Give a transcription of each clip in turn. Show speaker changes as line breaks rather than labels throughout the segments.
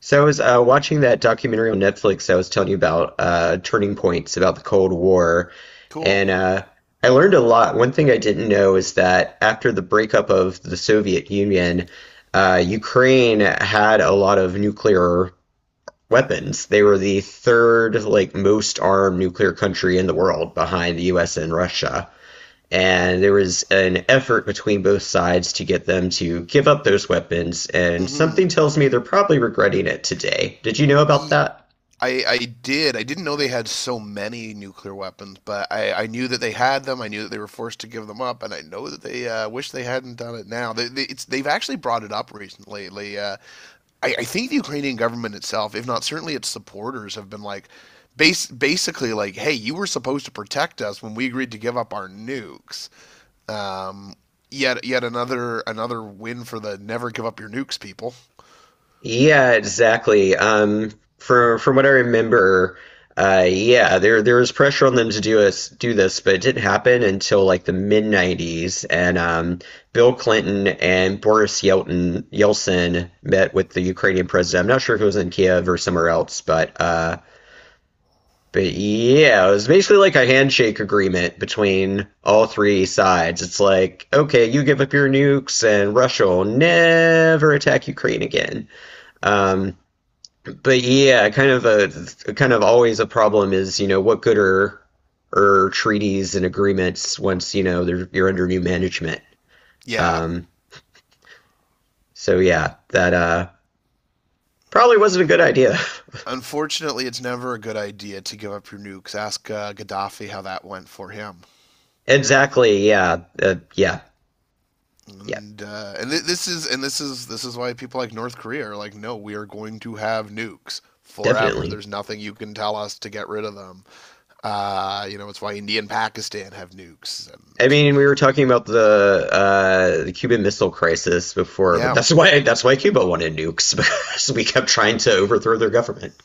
So I was watching that documentary on Netflix I was telling you about, Turning Points, about the Cold War,
Cool.
and I learned a lot. One thing I didn't know is that after the breakup of the Soviet Union, Ukraine had a lot of nuclear weapons. They were the third, like, most armed nuclear country in the world behind the US and Russia, and there was an effort between both sides to get them to give up those weapons, and
Mm-hmm.
something tells me they're probably regretting it today. Did you know about
Ye-
that?
I did. I didn't know they had so many nuclear weapons, but I knew that they had them. I knew that they were forced to give them up, and I know that they wish they hadn't done it now. They've actually brought it up recently. They, I think the Ukrainian government itself, if not certainly its supporters, have been like, basically, like, hey, you were supposed to protect us when we agreed to give up our nukes. Um, yet another win for the never give up your nukes people.
Yeah, exactly. From what I remember, yeah, there was pressure on them to do this, but it didn't happen until like the mid 90s. And Bill Clinton and Boris yelton yeltsin met with the Ukrainian president. I'm not sure if it was in Kiev or somewhere else, but but yeah, it was basically like a handshake agreement between all three sides. It's like, okay, you give up your nukes, and Russia will never attack Ukraine again. Um, but yeah, kind of a kind of always a problem is, what good are treaties and agreements once, they're, you're under new management.
Yeah.
Um, so yeah, that probably wasn't a good idea.
Unfortunately, it's never a good idea to give up your nukes. Ask Gaddafi how that went for him.
Exactly. Yeah. Yeah. Yeah.
And this is why people like North Korea are like, no, we are going to have nukes forever.
Definitely.
There's nothing you can tell us to get rid of them. You know, it's why India and Pakistan have nukes,
I
and
mean, we were talking about the Cuban Missile Crisis before, but
yeah.
that's why Cuba wanted nukes because we kept trying to overthrow their government.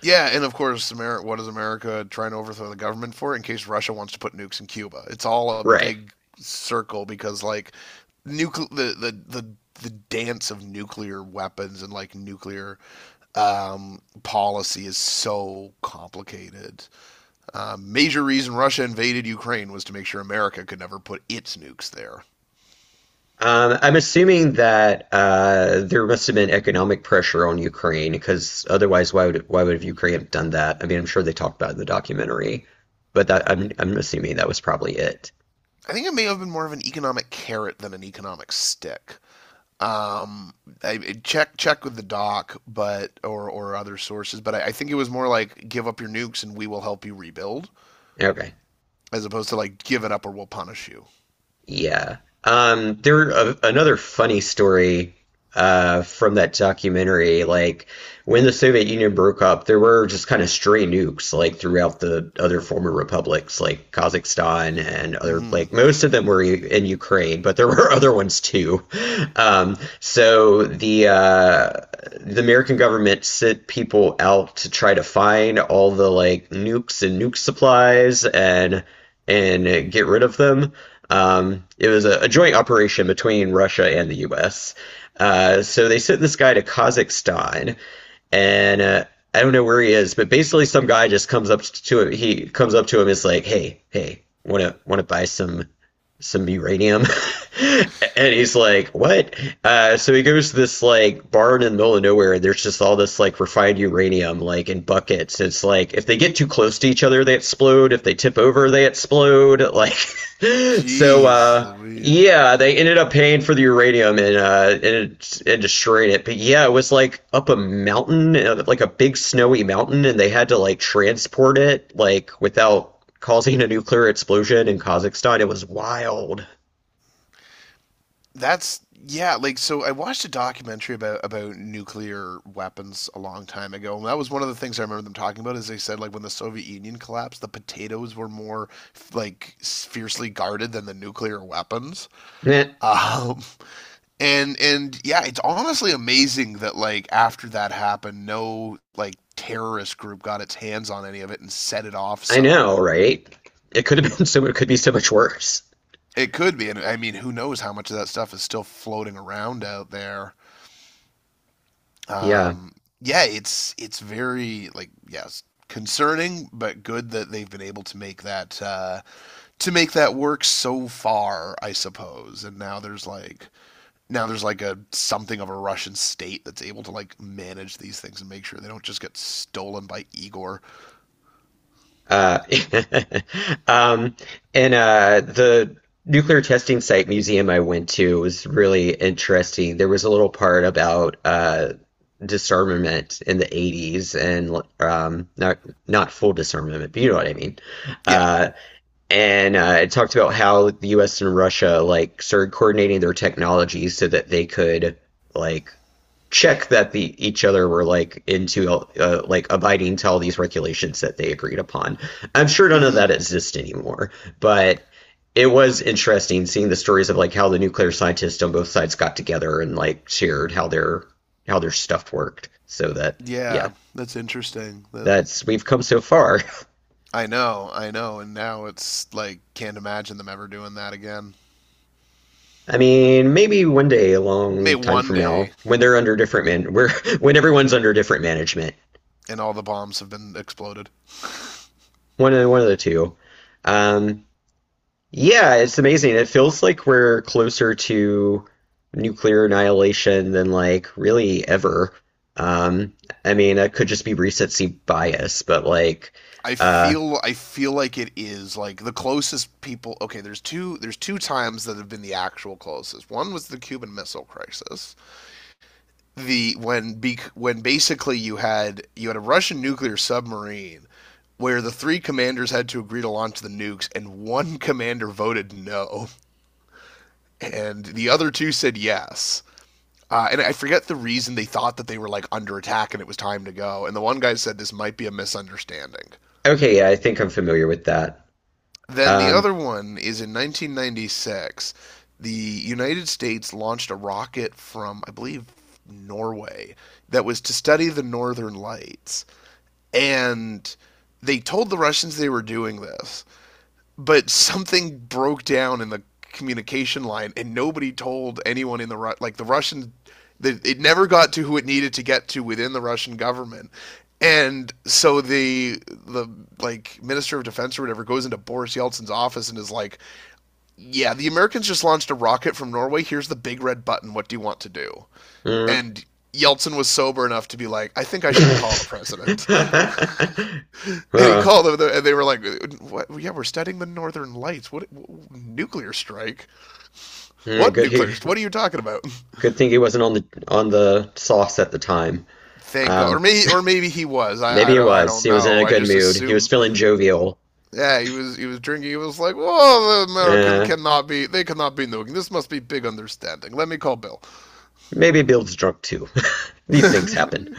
Yeah, and of course, America, what is America trying to overthrow the government for? In case Russia wants to put nukes in Cuba, it's all a
Right.
big circle because like nucle the dance of nuclear weapons and like nuclear policy is so complicated. Major reason Russia invaded Ukraine was to make sure America could never put its nukes there.
I'm assuming that there must have been economic pressure on Ukraine, because otherwise, why would Ukraine have done that? I mean, I'm sure they talked about it in the documentary, but that I'm assuming that was probably it.
I think it may have been more of an economic carrot than an economic stick. Um, I, check with the doc, but or other sources, but I think it was more like give up your nukes and we will help you rebuild,
Okay.
as opposed to like give it up or we'll punish you.
Yeah. Another funny story from that documentary. Like, when the Soviet Union broke up, there were just kind of stray nukes like throughout the other former republics, like Kazakhstan and other,
Mm-hmm.
like most of them were in Ukraine, but there were other ones too. So the American government sent people out to try to find all the like nukes and nuke supplies and get rid of them. It was a joint operation between Russia and the U.S. So they sent this guy to Kazakhstan, and I don't know where he is, but basically some guy just comes up to him. He comes up to him, is like, "Hey, hey, wanna buy some uranium." And he's like, what? So he goes to this like barn in the middle of nowhere, and there's just all this like refined uranium like in buckets. It's like if they get too close to each other, they explode. If they tip over, they explode. Like, so
Jeez, Louise.
yeah, they ended up paying for the uranium, and and destroying it. But yeah, it was like up a mountain, like a big snowy mountain, and they had to like transport it like without causing a nuclear explosion in Kazakhstan. It was wild.
That's yeah, like so I watched a documentary about nuclear weapons a long time ago, and that was one of the things I remember them talking about is they said like when the Soviet Union collapsed, the potatoes were more like fiercely guarded than the nuclear weapons.
Eh,
Um, and yeah, it's honestly amazing that like after that happened, no like terrorist group got its hands on any of it and set it off
I know,
somewhere.
right? It could have been so, it could be so much worse.
It could be, and I mean, who knows how much of that stuff is still floating around out there?
Yeah.
Um, yeah, it's very like yes, concerning, but good that they've been able to make that work so far, I suppose. And now there's like a something of a Russian state that's able to like manage these things and make sure they don't just get stolen by Igor.
Uh, um, and the nuclear testing site museum I went to was really interesting. There was a little part about disarmament in the 80s, and not not full disarmament, but you know what I mean.
Yeah.
Uh, and it talked about how the U.S. and Russia like started coordinating their technology so that they could like check that the each other were like into like abiding to all these regulations that they agreed upon. I'm sure none of that
Mhm.
exists anymore, but it was interesting seeing the stories of like how the nuclear scientists on both sides got together and like shared how their stuff worked so that yeah,
Yeah, that's interesting. That
that's we've come so far.
I know, and now it's like can't imagine them ever doing that again.
I mean, maybe one day, a
May
long time
one
from
day
now, when they're under different man, where when everyone's under different management,
and all the bombs have been exploded.
one of the two. Um, yeah, it's amazing. It feels like we're closer to nuclear annihilation than like really ever. Um, I mean, it could just be recency bias, but like,
I
uh,
feel I feel like it is like the closest people okay there's two times that have been the actual closest. One was the Cuban Missile Crisis, the when when basically you had a Russian nuclear submarine where the three commanders had to agree to launch the nukes, and one commander voted no and the other two said yes. And I forget the reason they thought that they were like under attack and it was time to go. And the one guy said this might be a misunderstanding.
okay, yeah, I think I'm familiar with that.
Then the
Um,
other one is in 1996. The United States launched a rocket from, I believe, Norway, that was to study the northern lights, and they told the Russians they were doing this, but something broke down in the communication line, and nobody told anyone in like the Russian. It never got to who it needed to get to within the Russian government, and so the like minister of defense or whatever goes into Boris Yeltsin's office and is like, "Yeah, the Americans just launched a rocket from Norway. Here's the big red button. What do you want to do?"
mm.
And Yeltsin was sober enough to be like, "I think I should call the president." And he
Huh. Oh,
called them, and they were like, what? "Yeah, we're studying the Northern Lights. What nuclear strike? What
good.
nuclear?
He,
What are you talking about?"
good thing he wasn't on the sauce at the time.
Thank God,
Um,
or maybe he was.
maybe it
I
was.
don't
He was in
know.
a
I
good
just
mood. He was
assume.
feeling jovial.
Yeah, he was drinking. He was like, "Well, the American
Uh,
cannot be. They cannot be nuking. This must be big understanding. Let me call Bill."
maybe Bill's drunk too. These things happen.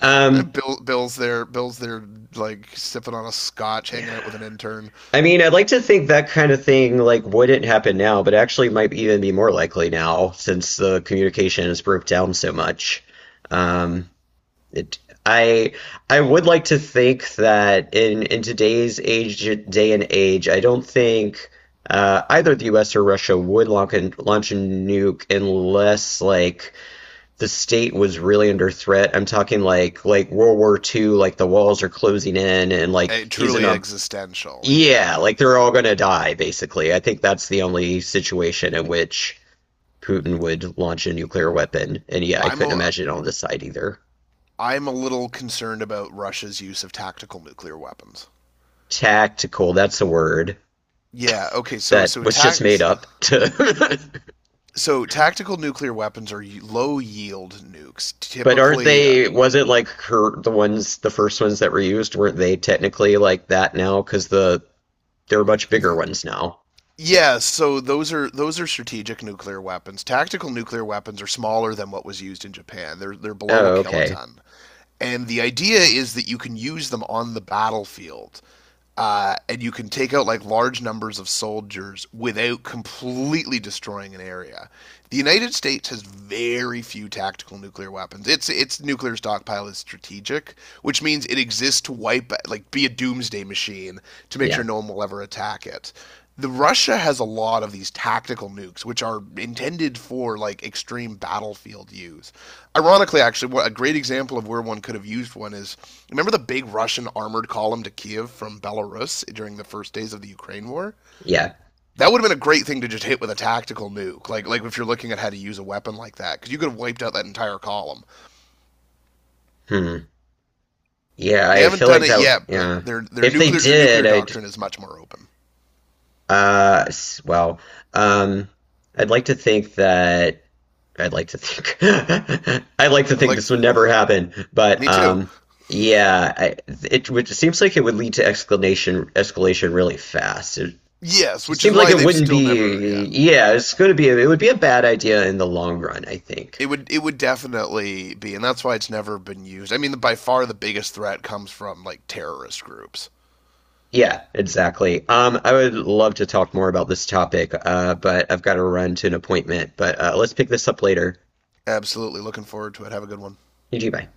Um,
Bill's there. Bill's there, like sipping on a scotch, hanging out with
yeah.
an intern.
I mean, I'd like to think that kind of thing like wouldn't happen now, but actually might even be more likely now since the communication has broke down so much. Um, It, I I would like to think that in today's age day and age, I don't think either the U.S. or Russia would launch a nuke unless like the state was really under threat. I'm talking like World War II, like the walls are closing in and
Eh,
like he's in
truly
a
existential.
yeah,
Yeah.
like they're all gonna die basically. I think that's the only situation in which Putin would launch a nuclear weapon. And yeah, I
I'm
couldn't
a,
imagine on this side either.
I'm a little concerned about Russia's use of tactical nuclear weapons.
Tactical, that's the word,
Yeah, okay.
that was just made up to
So tactical nuclear weapons are low yield nukes.
but aren't
Typically
they, was it like her, the ones, the first ones that were used, weren't they technically like that now? Because the, there are much bigger ones now.
yeah, so those are strategic nuclear weapons. Tactical nuclear weapons are smaller than what was used in Japan. They're below a
Oh, okay.
kiloton. And the idea is that you can use them on the battlefield and you can take out like large numbers of soldiers without completely destroying an area. The United States has very few tactical nuclear weapons. Its nuclear stockpile is strategic, which means it exists to wipe like be a doomsday machine to make sure
Yeah.
no one will ever attack it. The Russia has a lot of these tactical nukes, which are intended for like extreme battlefield use. Ironically, actually, a great example of where one could have used one is, remember the big Russian armored column to Kiev from Belarus during the first days of the Ukraine war?
Yeah.
That would have been a great thing to just hit with a tactical nuke, like if you're looking at how to use a weapon like that, because you could have wiped out that entire column.
Hmm. Yeah,
They
I
haven't
feel
done
like
it
that,
yet,
yeah.
but their
If they
nuclear their
did,
nuclear
I'd,
doctrine is much more open.
well, um, I'd like to think that I'd like to think I'd like to think this would
Yeah,
never happen, but
me too.
yeah, I, it would it seems like it would lead to escalation escalation really fast. It
Yes,
just
which is
seems like
why
it
they've
wouldn't
still never,
be.
yeah,
Yeah, it's going to be. It would be a bad idea in the long run, I think.
it would definitely be, and that's why it's never been used. I mean, by far the biggest threat comes from like terrorist groups.
Yeah, exactly. I would love to talk more about this topic, but I've got to run to an appointment. But let's pick this up later.
Absolutely, looking forward to it. Have a good one.
GG, bye.